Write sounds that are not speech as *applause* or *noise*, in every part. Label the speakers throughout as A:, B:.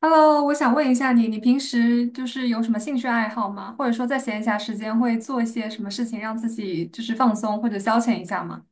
A: Hello,我想问一下你，你平时有什么兴趣爱好吗？或者说在闲暇时间会做一些什么事情让自己放松或者消遣一下吗？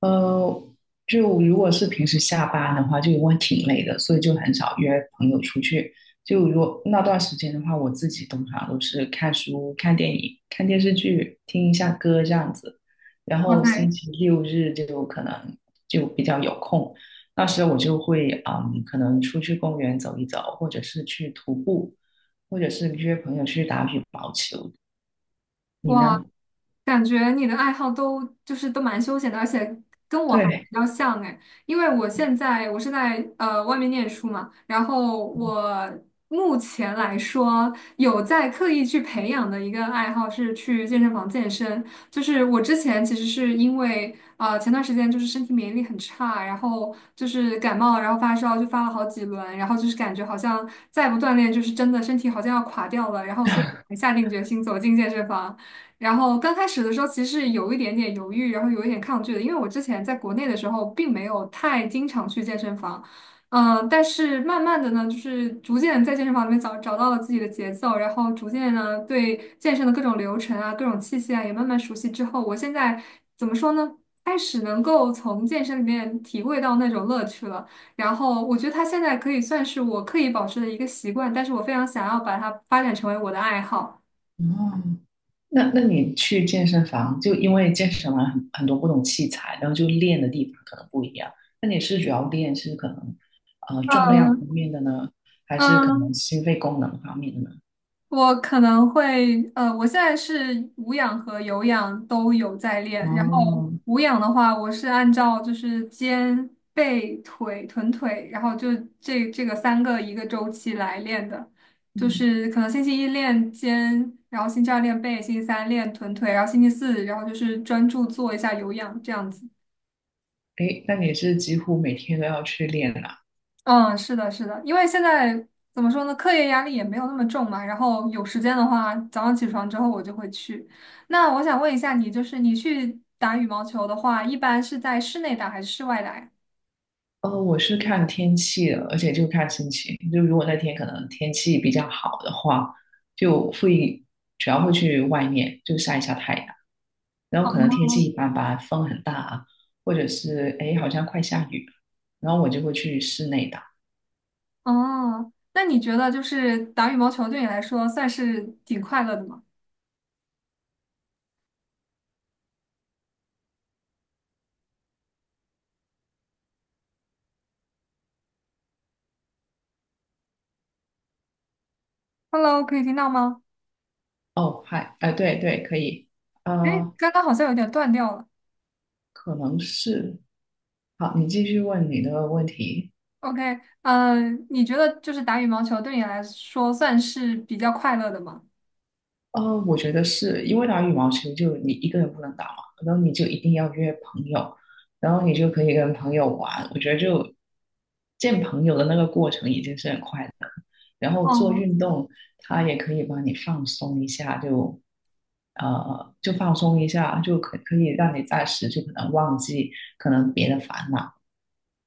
B: 呃，就如果是平时下班的话，就因为挺累的，所以就很少约朋友出去。就如果那段时间的话，我自己通常都是看书、看电影、看电视剧、听一下歌这样子。然
A: 哇
B: 后星
A: 塞，
B: 期六日就可能就比较有空，那时候我就会可能出去公园走一走，或者是去徒步，或者是约朋友去打羽毛球。你
A: 哇，
B: 呢？
A: 感觉你的爱好都就是都蛮休闲的，而且跟我还比
B: 对，
A: 较像哎。因为我现在是在外面念书嘛，然后我目前来说有在刻意去培养的一个爱好是去健身房健身。就是我之前其实是因为前段时间身体免疫力很差，然后就是感冒，然后发烧就发了好几轮，然后就是感觉好像再不锻炼真的身体好像要垮掉了，然后所以才下定决心走进健身房。然后刚开始的时候，其实是有一点点犹豫，然后有一点抗拒的，因为我之前在国内的时候，并没有太经常去健身房。但是慢慢的呢，逐渐在健身房里面找到了自己的节奏，然后逐渐呢，对健身的各种流程啊、各种器械啊，也慢慢熟悉之后，我现在怎么说呢？开始能够从健身里面体会到那种乐趣了。然后我觉得它现在可以算是我刻意保持的一个习惯，但是我非常想要把它发展成为我的爱好。
B: 嗯。那你去健身房，就因为健身房很多不同器材，然后就练的地方可能不一样。那你是主要练是可能重量方
A: 嗯
B: 面的呢，还是可能
A: 嗯，
B: 心肺功能方面的呢？
A: 我可能会，我现在是无氧和有氧都有在练。然后
B: 哦，
A: 无氧的话，我是按照肩、背、腿、臀腿，然后就这个三个一个周期来练的。就
B: 嗯，
A: 是可能星期一练肩，然后星期二练背，星期三练臀腿，然后星期四，然后就是专注做一下有氧这样子。
B: 诶，那你是几乎每天都要去练啦？
A: 嗯，是的，是的，因为现在怎么说呢，课业压力也没有那么重嘛。然后有时间的话，早上起床之后我就会去。那我想问一下你，你去打羽毛球的话，一般是在室内打还是室外打呀？
B: 哦，我是看天气的，而且就看心情。就如果那天可能天气比较好的话，就会主要会去外面就晒一下太阳。然后可能天气一般般，风很大啊，或者是哎好像快下雨了，然后我就会去室内打。
A: 哦，那你觉得打羽毛球对你来说算是挺快乐的吗？Hello,可以听到吗？
B: 哦，嗨，哎、对对，可以，
A: 哎，
B: 啊
A: 刚刚好像有点断掉了。
B: 可能是，好，你继续问你的问题。
A: OK,你觉得打羽毛球对你来说算是比较快乐的吗？
B: 我觉得是因为打羽毛球就你一个人不能打嘛，然后你就一定要约朋友，然后你就可以跟朋友玩。我觉得就见朋友的那个过程已经是很快乐的，然后做
A: 哦
B: 运动它也可以帮你放松一下，就放松一下，就可以让你暂时就可能忘记可能别的烦恼。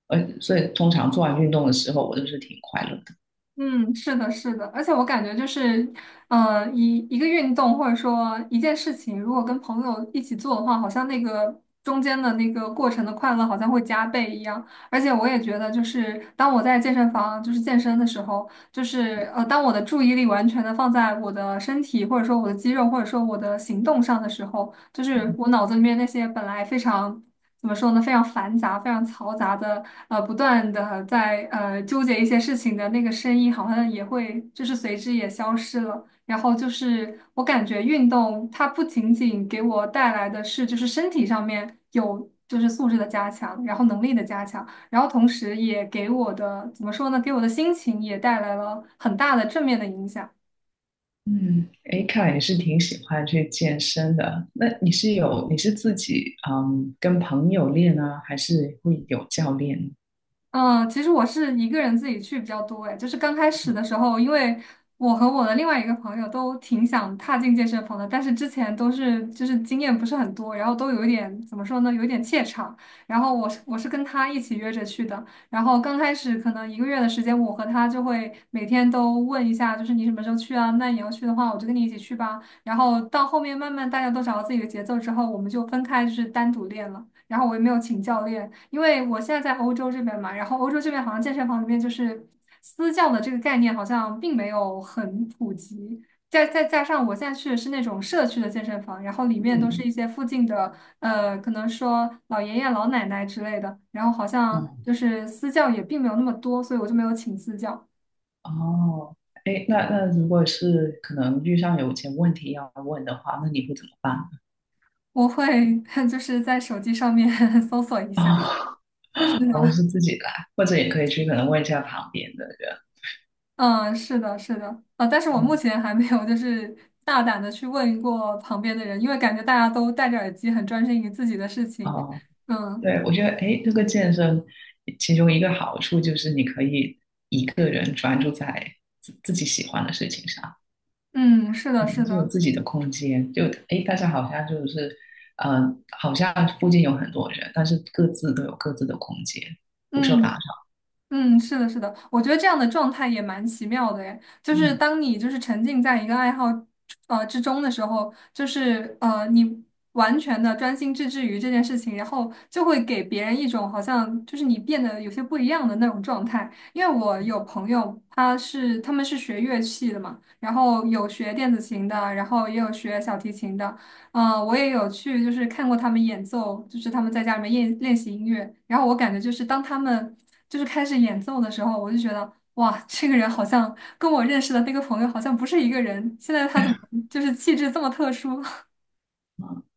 B: 所以通常做完运动的时候，我都是挺快乐的。
A: 嗯，是的，是的，而且我感觉就是，一个运动或者说一件事情，如果跟朋友一起做的话，好像那个中间的那个过程的快乐好像会加倍一样。而且我也觉得，就是当我在健身房健身的时候，就是，当我的注意力完全的放在我的身体或者说我的肌肉或者说我的行动上的时候，就是我脑子里面那些本来非常怎么说呢，非常繁杂、非常嘈杂的，不断的在纠结一些事情的那个声音，好像也会随之也消失了。然后就是我感觉运动它不仅仅给我带来的是身体上面有素质的加强，然后能力的加强，然后同时也给我的怎么说呢，给我的心情也带来了很大的正面的影响。
B: 嗯，哎，看来你是挺喜欢去健身的。那你是有，你是自己跟朋友练呢，还是会有教练？
A: 嗯，其实我是一个人自己去比较多哎。就是刚开始的时候，因为我和我的另外一个朋友都挺想踏进健身房的，但是之前都是经验不是很多，然后都有一点怎么说呢，有一点怯场。然后我是跟他一起约着去的。然后刚开始可能一个月的时间，我和他就会每天都问一下，就是你什么时候去啊？那你要去的话，我就跟你一起去吧。然后到后面慢慢大家都找到自己的节奏之后，我们就分开单独练了。然后我也没有请教练，因为我现在在欧洲这边嘛，然后欧洲这边好像健身房里面私教的这个概念好像并没有很普及，再加上我现在去的是那种社区的健身房，然后里面都是
B: 嗯
A: 一些附近的，可能说老爷爷老奶奶之类的，然后好像
B: 嗯
A: 私教也并没有那么多，所以我就没有请私教。
B: 哦，哎，那如果是可能遇上有些问题要问的话，那你会怎么办？
A: 我会 *laughs* 在手机上面 *laughs* 搜索一下，
B: 哦，
A: 是
B: *laughs* 我是
A: 吗？
B: 自己来，或者也可以去可能问一下旁边的人。
A: 嗯，是的，是的。啊，但是我目
B: 嗯
A: 前还没有大胆的去问过旁边的人，因为感觉大家都戴着耳机，很专心于自己的事情。
B: 哦，
A: 嗯
B: 对，我觉得哎，这个健身其中一个好处就是你可以一个人专注在自己喜欢的事情上。
A: 嗯，是的，是
B: 嗯就有
A: 的。
B: 自己的空间，就诶，大家好像就是，呃，好像附近有很多人，但是各自都有各自的空间，不受打扰。
A: 嗯。嗯，是的，是的，我觉得这样的状态也蛮奇妙的诶。就是
B: 嗯，
A: 当你沉浸在一个爱好之中的时候，你完全的专心致志于这件事情，然后就会给别人一种好像你变得有些不一样的那种状态。因为我有朋友，他们是学乐器的嘛，然后有学电子琴的，然后也有学小提琴的。嗯，我也有去，就是看过他们演奏，就是他们在家里面练习音乐。然后我感觉当他们开始演奏的时候，我就觉得哇，这个人好像跟我认识的那个朋友好像不是一个人。现在他怎么气质这么特殊？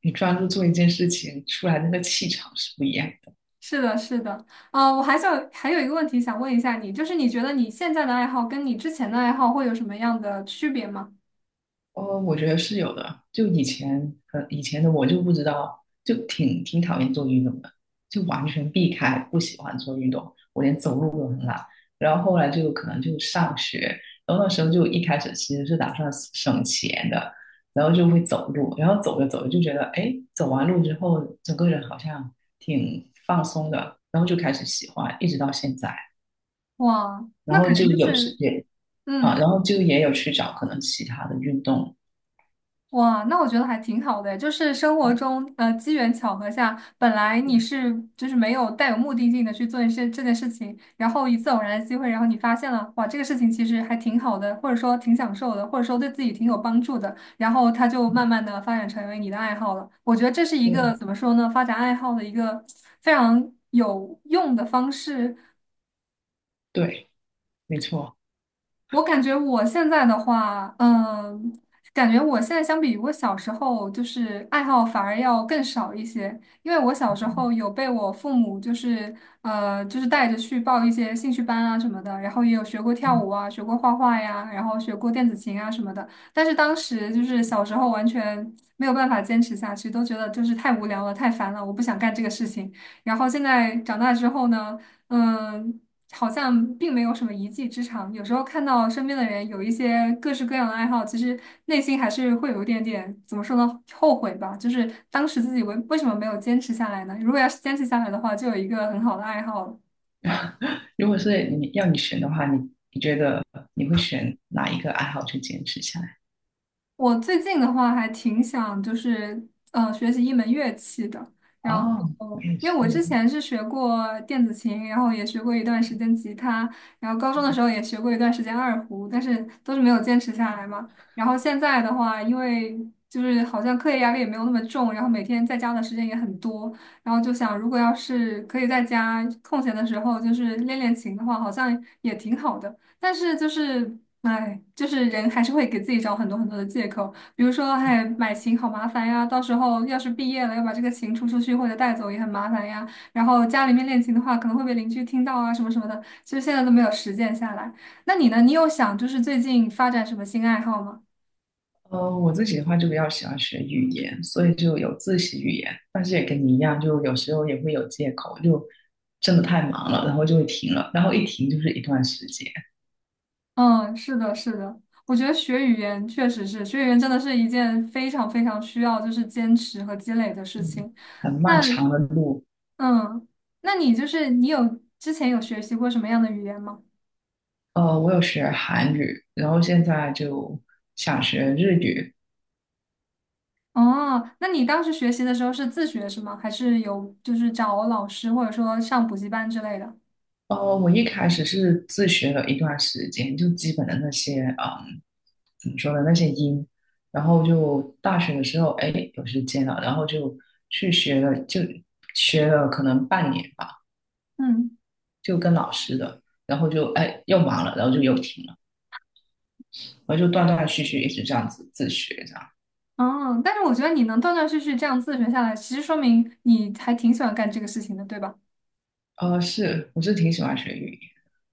B: 你专注做一件事情，出来那个气场是不一样。
A: *laughs* 是的，是的。啊，我还想还有一个问题想问一下你，你觉得你现在的爱好跟你之前的爱好会有什么样的区别吗？
B: 哦，我觉得是有的。就以前，以前的我就不知道，就挺讨厌做运动的，就完全避开，不喜欢做运动，我连走路都很懒。然后后来就可能就上学，然后那时候就一开始其实是打算省钱的，然后就会走路，然后走着走着就觉得，哎，走完路之后，整个人好像挺放松的，然后就开始喜欢，一直到现在。
A: 哇，
B: 然
A: 那
B: 后
A: 感觉
B: 就
A: 就
B: 有时
A: 是
B: 间啊，然
A: 嗯。
B: 后就也有去找可能其他的运动，
A: 哇，那我觉得还挺好的，就是生活中，机缘巧合下，本来你是没有带有目的性的去做一些这件事情，然后一次偶然的机会，然后你发现了，哇，这个事情其实还挺好的，或者说挺享受的，或者说对自己挺有帮助的，然后它就慢慢的发展成为你的爱好了。我觉得这是一个
B: 对。
A: 怎么说呢，发展爱好的一个非常有用的方式。
B: 对，没错。
A: 我感觉我现在的话，嗯，感觉我现在相比于我小时候，爱好反而要更少一些。因为我小时候有被我父母，就是带着去报一些兴趣班啊什么的，然后也有学过跳
B: 嗯，
A: 舞啊，学过画画呀，然后学过电子琴啊什么的。但是当时小时候完全没有办法坚持下去，都觉得太无聊了，太烦了，我不想干这个事情。然后现在长大之后呢？嗯，好像并没有什么一技之长。有时候看到身边的人有一些各式各样的爱好，其实内心还是会有一点点，怎么说呢，后悔吧。就是当时自己为什么没有坚持下来呢？如果要是坚持下来的话，就有一个很好的爱好了。
B: 如果是你要你选的话，你觉得你会选哪一个爱好去坚持下来？
A: 我最近的话还挺想学习一门乐器的，然后
B: 哦，我也
A: 因为
B: 是。
A: 我之前是学过电子琴，然后也学过一段时间吉他，然后高中的时候也学过一段时间二胡，但是都是没有坚持下来嘛。然后现在的话，因为好像课业压力也没有那么重，然后每天在家的时间也很多，然后就想如果要是可以在家空闲的时候练练琴的话，好像也挺好的。但是就是哎，人还是会给自己找很多很多的借口。比如说，哎，买琴好麻烦呀，到时候要是毕业了，要把这个琴出去或者带走也很麻烦呀。然后家里面练琴的话，可能会被邻居听到啊，什么什么的。其实现在都没有实践下来。那你呢？你有想最近发展什么新爱好吗？
B: 我自己的话就比较喜欢学语言，所以就有自习语言。但是也跟你一样，就有时候也会有借口，就真的太忙了，然后就会停了，然后一停就是一段时间，
A: 嗯，是的，是的，我觉得学语言确实是，学语言真的是一件非常非常需要坚持和积累的事
B: 嗯，
A: 情。
B: 很漫
A: 那
B: 长的路。
A: 嗯，那你你有之前有学习过什么样的语言吗？
B: 我有学韩语，然后现在就想学日语，
A: 哦，那你当时学习的时候是自学是吗？还是有找老师或者说上补习班之类的？
B: 我一开始是自学了一段时间，就基本的那些，怎么说呢，那些音，然后就大学的时候，哎，有时间了，然后就去学了，就学了可能半年吧，
A: 嗯，
B: 就跟老师的，然后就哎又忙了，然后就又停了，然后就断断续续一直这样子自学这样。
A: 哦，但是我觉得你能断断续续这样自学下来，其实说明你还挺喜欢干这个事情的，对吧？
B: 是，我是挺喜欢学语言。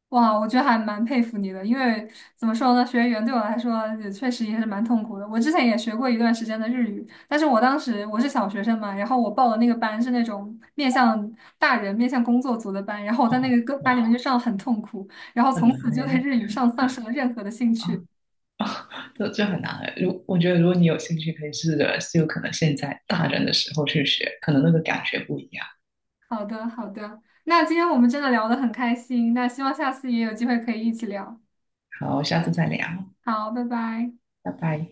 A: 哇，我觉得还蛮佩服你的，因为怎么说呢，学语言对我来说也确实也是蛮痛苦的。我之前也学过一段时间的日语，但是我当时我是小学生嘛，然后我报的那个班是那种面向大人、面向工作组的班，然后我在那
B: 哦，
A: 个个班里面
B: 哇，
A: 就上得很痛苦，然后
B: 很
A: 从
B: 难
A: 此就对
B: 哎。
A: 日语上丧失了任何的兴趣。
B: 啊这很难的。我觉得，如果你有兴趣，可以试着就可能现在大人的时候去学，可能那个感觉不一样。
A: 好的，好的，那今天我们真的聊得很开心，那希望下次也有机会可以一起聊。
B: 好，下次再聊，
A: 好，拜拜。
B: 拜拜。